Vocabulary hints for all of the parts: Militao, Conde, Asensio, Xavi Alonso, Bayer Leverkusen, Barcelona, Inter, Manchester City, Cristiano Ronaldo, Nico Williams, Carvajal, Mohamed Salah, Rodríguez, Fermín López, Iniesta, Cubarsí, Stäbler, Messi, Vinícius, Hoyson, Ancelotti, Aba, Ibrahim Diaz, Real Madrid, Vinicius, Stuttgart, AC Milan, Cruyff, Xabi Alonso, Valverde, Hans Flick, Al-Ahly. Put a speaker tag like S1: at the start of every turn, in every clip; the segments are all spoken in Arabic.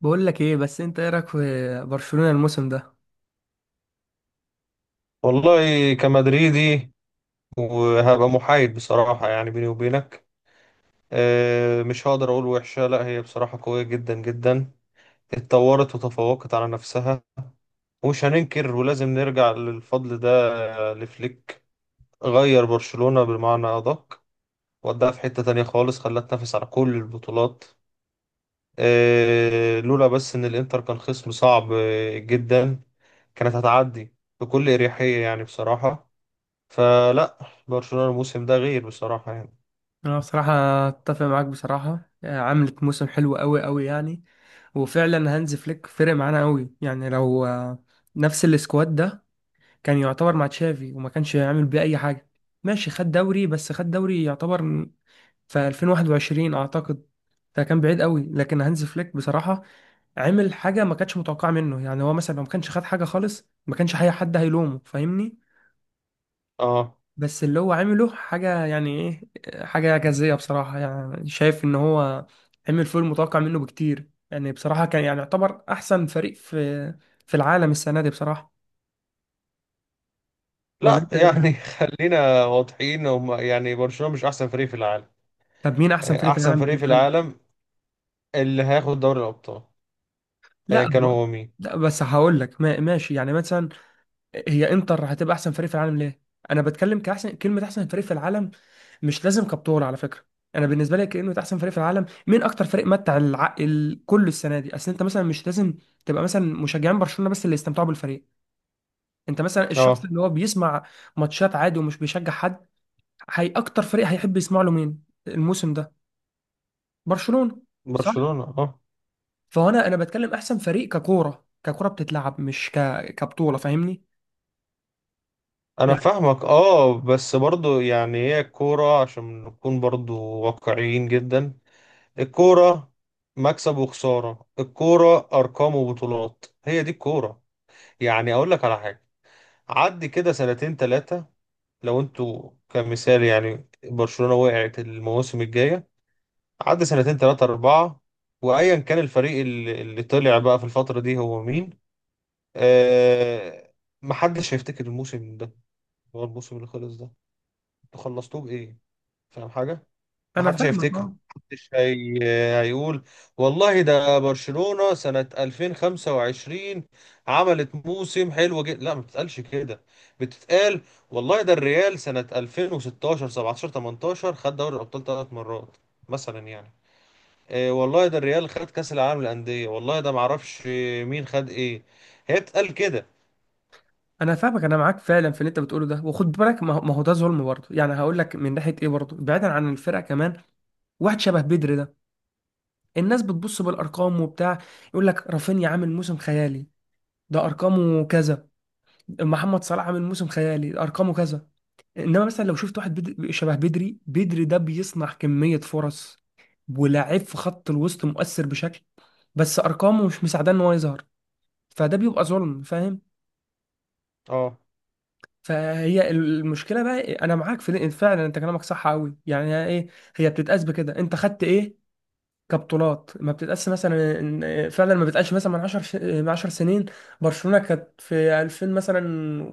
S1: بقول لك ايه، بس انت ايه رايك في برشلونة الموسم ده؟
S2: والله كمدريدي وهبقى محايد بصراحة، يعني بيني وبينك مش هقدر أقول وحشة. لا، هي بصراحة قوية جدا جدا، اتطورت وتفوقت على نفسها، ومش هننكر ولازم نرجع للفضل ده، لفليك، غير برشلونة بالمعنى أدق، وداها في حتة تانية خالص، خلاها تنافس على كل البطولات. لولا بس إن الإنتر كان خصم صعب جدا، كانت هتعدي بكل أريحية يعني بصراحة. فلا، برشلونة الموسم ده غير بصراحة يعني.
S1: انا بصراحة اتفق معاك بصراحة، عملت موسم حلو قوي قوي يعني. وفعلا هانز فليك فرق معانا قوي، يعني لو نفس السكواد ده كان يعتبر مع تشافي وما كانش يعمل بيه اي حاجة. ماشي، خد دوري، بس خد دوري يعتبر في 2021 اعتقد، فكان بعيد قوي. لكن هانز فليك بصراحة عمل حاجة ما كانتش متوقعة منه. يعني هو مثلا لو ما كانش خد حاجة خالص ما كانش اي حد هيلومه، فاهمني؟
S2: اه.
S1: بس اللي هو عمله حاجة، يعني ايه، حاجة إعجازية بصراحة. يعني شايف إن هو عمل فوق المتوقع منه بكتير. يعني بصراحة كان يعني يعتبر أحسن فريق في العالم السنة دي بصراحة. ولا
S2: لا
S1: أنت إيه
S2: يعني
S1: رأيك؟
S2: خلينا واضحين، هم يعني برشلونة مش احسن فريق في العالم.
S1: طب مين أحسن فريق في
S2: احسن
S1: العالم
S2: فريق في
S1: بالنسبة لك؟
S2: العالم اللي هياخد دوري الابطال، ايا
S1: لا
S2: كان
S1: هو.
S2: هو مين.
S1: لا، بس هقول لك ماشي، يعني مثلا هي إنتر هتبقى أحسن فريق في العالم ليه؟ أنا بتكلم كأحسن كلمة، أحسن فريق في العالم مش لازم كابتور على فكره. انا بالنسبه لي كانه احسن فريق في العالم مين اكتر فريق متع العقل كل السنه دي. اصل انت مثلا مش لازم تبقى مثلا مشجعين برشلونه، بس اللي يستمتعوا بالفريق. انت مثلا الشخص
S2: اه،
S1: اللي هو بيسمع ماتشات عادي ومش بيشجع حد، هي اكتر فريق هيحب يسمع له مين الموسم ده؟ برشلونه، صح؟
S2: برشلونة، اه.
S1: فهنا انا بتكلم احسن فريق ككوره، ككوره بتتلعب، مش كبطوله، فاهمني؟
S2: انا
S1: يعني
S2: فاهمك، اه، بس برضو يعني هي الكورة، عشان نكون برضو واقعيين جدا، الكورة مكسب وخسارة، الكورة ارقام وبطولات، هي دي الكورة. يعني اقول لك على حاجة، عدي كده سنتين ثلاثة، لو انتوا كمثال يعني برشلونة وقعت المواسم الجاية، عدى سنتين تلاتة أربعة، وأيا كان الفريق اللي طلع بقى في الفترة دي هو مين، آه محدش هيفتكر الموسم ده. هو الموسم اللي خلص ده انتوا خلصتوه بإيه؟ فاهم حاجة؟
S1: انا
S2: محدش
S1: فاهمك
S2: هيفتكره،
S1: اه.
S2: هيقول والله ده برشلونة سنة 2025 عملت موسم حلو جدا. لا، ما بتتقالش كده، بتتقال والله ده الريال سنة 2016 17 18 خد دوري الأبطال ثلاث مرات مثلا يعني. إيه، والله ده الريال خد كأس العالم للأندية، والله ده معرفش مين خد إيه، هي بتتقال كده.
S1: انا فاهمك، انا معاك فعلا في اللي انت بتقوله ده. وخد بالك، ما هو ده ظلم برضه، يعني هقول لك من ناحيه ايه برضه بعيدا عن الفرقه كمان. واحد شبه بدري ده، الناس بتبص بالارقام وبتاع، يقول لك رافينيا عامل موسم خيالي، ده ارقامه كذا، محمد صلاح عامل موسم خيالي ده ارقامه كذا. انما مثلا لو شفت واحد بدري، شبه بدري ده، بيصنع كمية فرص ولاعيب في خط الوسط مؤثر بشكل، بس ارقامه مش مساعداه ان هو يظهر. فده بيبقى ظلم، فاهم؟
S2: اه.
S1: فهي المشكله بقى. انا معاك في فعلا، انت كلامك صح قوي، يعني ايه، هي بتتقاس بكده، انت خدت ايه كبطولات. ما بتتقاس مثلا، فعلا ما بتقاس مثلا من 10 سنين. برشلونة كانت في 2000 مثلا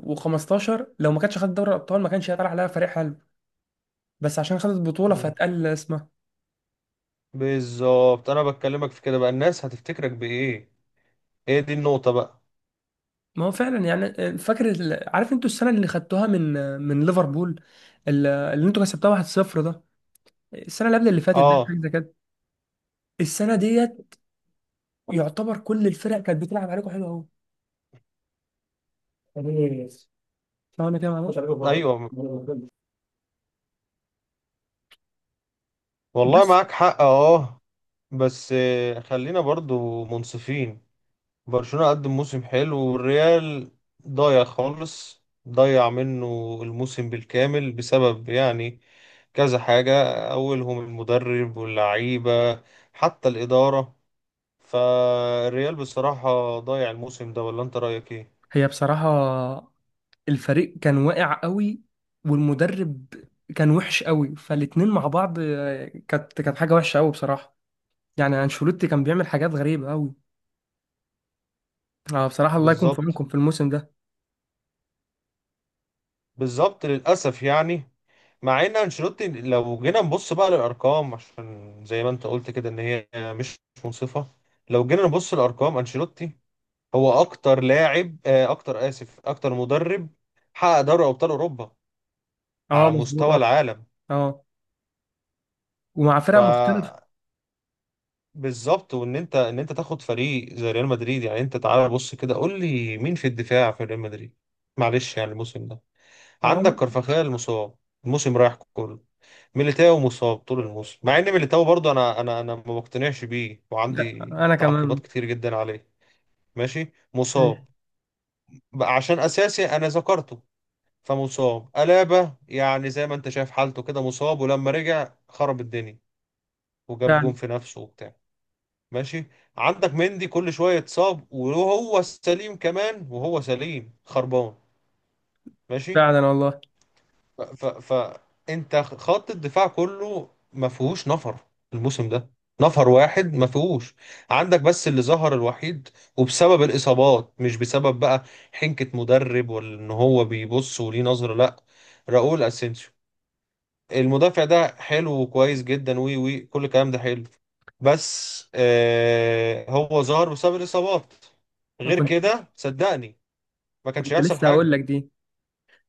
S1: و15، لو ما كانتش خدت دوري الابطال ما كانش هيطلع عليها فريق حلو، بس عشان خدت بطولة
S2: مم.
S1: فاتقل اسمها.
S2: بالظبط، أنا بكلمك في كده بقى، الناس هتفتكرك بإيه، هي دي النقطة بقى.
S1: ما هو فعلا. يعني فاكر عارف انتوا السنة اللي خدتوها من ليفربول، اللي انتوا كسبتوها 1-0 ده، السنة اللي قبل اللي فاتت دي،
S2: اه،
S1: حاجة زي كده. السنة ديت يعتبر كل الفرق كانت بتلعب عليكم حلو قوي، فاهم انا كده؟ معلش.
S2: ايوه، والله
S1: بس
S2: معاك حق، اه. بس خلينا برضو منصفين، برشلونة قدم موسم حلو، والريال ضايع خالص، ضيع منه الموسم بالكامل بسبب يعني كذا حاجة، أولهم المدرب واللعيبة، حتى الإدارة. فالريال بصراحة ضايع الموسم ده، ولا أنت رأيك إيه؟
S1: هي بصراحة الفريق كان واقع قوي والمدرب كان وحش قوي، فالاتنين مع بعض كانت حاجة وحشة قوي بصراحة. يعني انشيلوتي كان بيعمل حاجات غريبة قوي. اه بصراحة، الله يكون في
S2: بالظبط.
S1: عونكم في الموسم ده.
S2: بالظبط للأسف يعني، مع ان انشيلوتي لو جينا نبص بقى للارقام، عشان زي ما انت قلت كده ان هي مش منصفه، لو جينا نبص للارقام انشيلوتي هو اكتر لاعب، اكتر اسف اكتر مدرب حقق دوري ابطال اوروبا
S1: اه،
S2: على
S1: مظبوط
S2: مستوى
S1: اه.
S2: العالم.
S1: اه. ومع
S2: ف
S1: فرق مختلفة.
S2: بالظبط، وان انت تاخد فريق زي ريال مدريد، يعني انت تعالى بص كده قول لي مين في الدفاع في ريال مدريد، معلش يعني الموسم ده.
S1: اه.
S2: عندك كارفاخال مصاب الموسم رايح كله، ميليتاو مصاب طول الموسم، مع ان ميليتاو برضه انا ما بقتنعش بيه
S1: لا،
S2: وعندي
S1: انا
S2: تعقيبات
S1: كمان.
S2: كتير جدا عليه. ماشي،
S1: ماشي.
S2: مصاب بقى عشان اساسي انا ذكرته، فمصاب. الابا يعني زي ما انت شايف حالته كده مصاب، ولما رجع خرب الدنيا وجاب جون
S1: فعلا.
S2: في نفسه وبتاع. ماشي. عندك مندي كل شويه اتصاب وهو سليم، كمان وهو سليم خربان. ماشي.
S1: فعلا والله.
S2: ف... ف... ف... انت خط الدفاع كله ما فيهوش نفر الموسم ده، نفر واحد ما فيهوش، عندك بس اللي ظهر الوحيد وبسبب الإصابات، مش بسبب بقى حنكة مدرب ولا ان هو بيبص وليه نظرة، لا، راؤول اسينسيو المدافع ده حلو وكويس جدا، وي كل الكلام ده حلو، بس آه هو ظهر بسبب الإصابات،
S1: ما
S2: غير
S1: كنت،
S2: كده صدقني ما كانش
S1: كنت
S2: هيحصل
S1: لسه هقول
S2: حاجة.
S1: لك دي.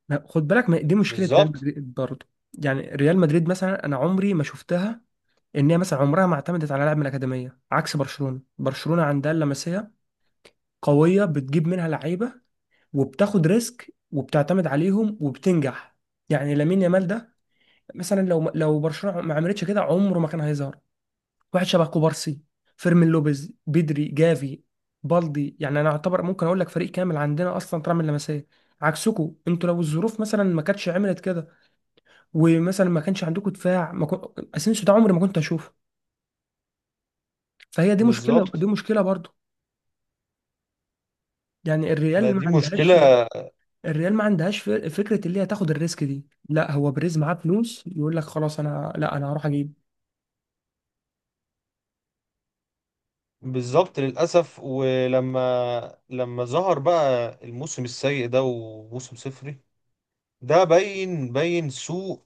S1: لا، خد بالك، ما دي مشكلة ريال
S2: بالظبط.
S1: مدريد برضه. يعني ريال مدريد مثلا انا عمري ما شفتها ان هي مثلا عمرها ما اعتمدت على لاعب من الاكاديميه، عكس برشلونه. برشلونه عندها اللمسيه قوية، بتجيب منها لعيبة وبتاخد ريسك وبتعتمد عليهم وبتنجح. يعني لامين يامال ده مثلا، لو برشلونة ما عملتش كده عمره ما كان هيظهر. واحد شبه كوبارسي، فيرمين لوبيز، بدري، جافي، بالدي، يعني انا اعتبر ممكن اقول لك فريق كامل عندنا اصلا طالع من اللمسيه، عكسكم انتوا. لو الظروف مثلا ما كانتش عملت كده، ومثلا ما كانش عندكم دفاع، ما كن... اسينسيو ده عمري ما كنت اشوفه. فهي دي مشكله دي
S2: بالظبط،
S1: مشكله برضو. يعني
S2: ما
S1: الريال ما
S2: دي
S1: عندهاش،
S2: مشكلة.
S1: الريال ما عندهاش فكره اللي هي تاخد الريسك دي. لا، هو بريز معاه فلوس، يقول لك خلاص، انا لا، انا هروح اجيب.
S2: بالظبط للأسف، ولما ظهر بقى الموسم السيء ده وموسم صفري، ده باين باين سوء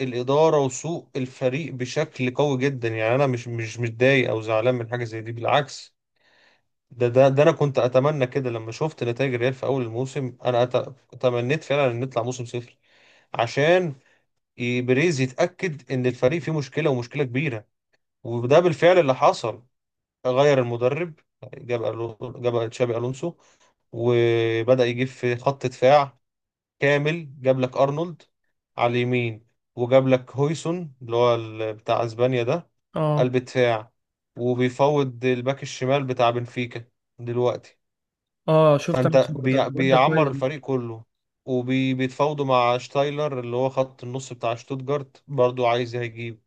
S2: الإدارة وسوء الفريق بشكل قوي جدا، يعني أنا مش متضايق أو زعلان من حاجة زي دي، بالعكس. ده أنا كنت أتمنى كده، لما شفت نتائج الريال في أول الموسم أنا تمنيت فعلا إن نطلع موسم صفر، عشان بريز يتأكد إن الفريق فيه مشكلة ومشكلة كبيرة، وده بالفعل اللي حصل، غير المدرب، جاب تشابي الونسو، وبدأ يجيب في خط دفاع كامل، جاب لك ارنولد على اليمين، وجاب لك هويسون اللي هو بتاع اسبانيا ده،
S1: اه.
S2: قلب دفاع. وبيفوض الباك الشمال بتاع بنفيكا دلوقتي.
S1: اه، شفت انا
S2: فانت
S1: الخبر ده، الواد ده
S2: بيعمر
S1: كويس.
S2: الفريق كله، وبيتفاوضوا مع شتايلر اللي هو خط النص بتاع شتوتجارت، برضو عايز هيجيب،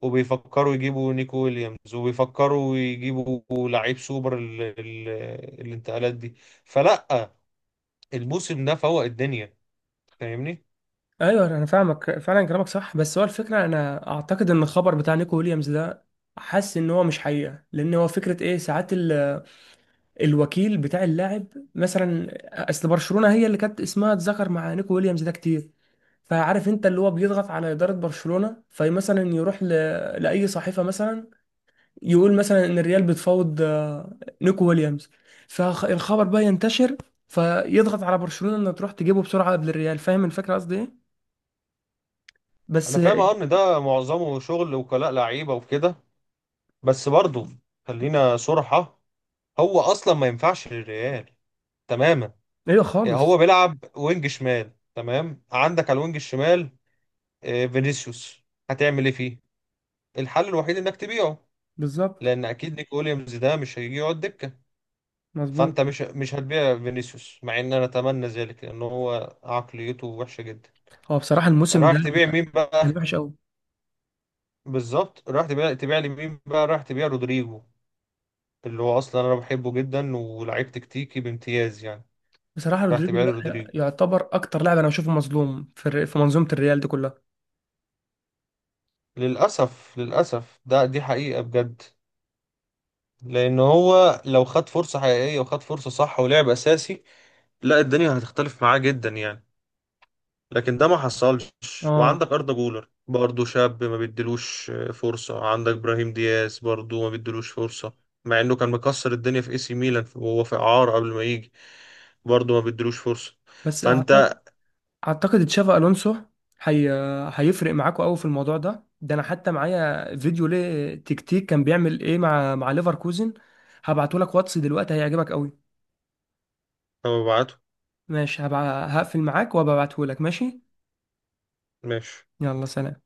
S2: وبيفكروا يجيبوا نيكو ويليامز، وبيفكروا يجيبوا لعيب سوبر الانتقالات دي. فلا، الموسم ده فوق الدنيا، فاهمني.
S1: ايوه انا فاهمك، فعلا كلامك صح. بس هو الفكره، انا اعتقد ان الخبر بتاع نيكو ويليامز ده حاسس ان هو مش حقيقه. لان هو فكره ايه، ساعات الوكيل بتاع اللاعب مثلا، اصل برشلونه هي اللي كانت اسمها اتذكر مع نيكو ويليامز ده كتير. فعارف انت اللي هو بيضغط على اداره برشلونه، فمثلا يروح لاي صحيفه مثلا يقول مثلا ان الريال بتفاوض نيكو ويليامز، فالخبر بقى ينتشر، فيضغط على برشلونة انها تروح تجيبه بسرعة قبل الريال. فاهم الفكرة قصدي ايه؟ بس
S2: انا فاهم، اه، ان ده معظمه شغل وكلاء لعيبه وكده، بس برضه خلينا صراحه، هو اصلا ما ينفعش للريال تماما.
S1: ايوه
S2: يعني هو
S1: خالص.
S2: بيلعب وينج شمال، تمام، عندك على الوينج الشمال فينيسيوس، هتعمل ايه فيه؟ الحل الوحيد انك تبيعه،
S1: بالظبط.
S2: لان اكيد نيكو ويليامز ده مش هيجي يقعد دكه،
S1: مظبوط.
S2: فانت مش هتبيع فينيسيوس، مع ان انا اتمنى ذلك لان هو عقليته وحشه جدا،
S1: هو بصراحة الموسم ده
S2: رايح تبيع مين
S1: كان
S2: بقى؟
S1: وحش قوي.
S2: بالظبط، رايح تبيع لي مين بقى، رايح تبيع رودريجو اللي هو اصلا انا بحبه جدا، ولاعيب تكتيكي بامتياز يعني،
S1: بصراحة
S2: رايح
S1: رودريجو
S2: تبيع لي
S1: ده
S2: رودريجو؟
S1: يعتبر اكتر لاعب انا بشوفه مظلوم في منظومة الريال دي كلها.
S2: للاسف للاسف ده دي حقيقه بجد، لان هو لو خد فرصه حقيقيه وخد فرصه صح ولعب اساسي، لا الدنيا هتختلف معاه جدا يعني، لكن ده ما حصلش.
S1: اه.
S2: وعندك أردا جولر برضه شاب ما بيديلوش فرصة، عندك إبراهيم دياز برضه ما بيديلوش فرصة، مع إنه كان مكسر الدنيا في AC ميلان وهو في إعارة قبل ما يجي، برضه ما بيديلوش فرصة.
S1: بس
S2: فأنت
S1: اعتقد تشافي الونسو هي... هيفرق معاكوا قوي في الموضوع ده. ده انا حتى معايا فيديو ليه، تكتيك كان بيعمل ايه مع ليفركوزن، هبعته لك واتس دلوقتي، هيعجبك قوي.
S2: أنا ببعته.
S1: ماشي، هقفل معاك وهبعته لك، ماشي.
S2: ماشي.
S1: يلا سلام.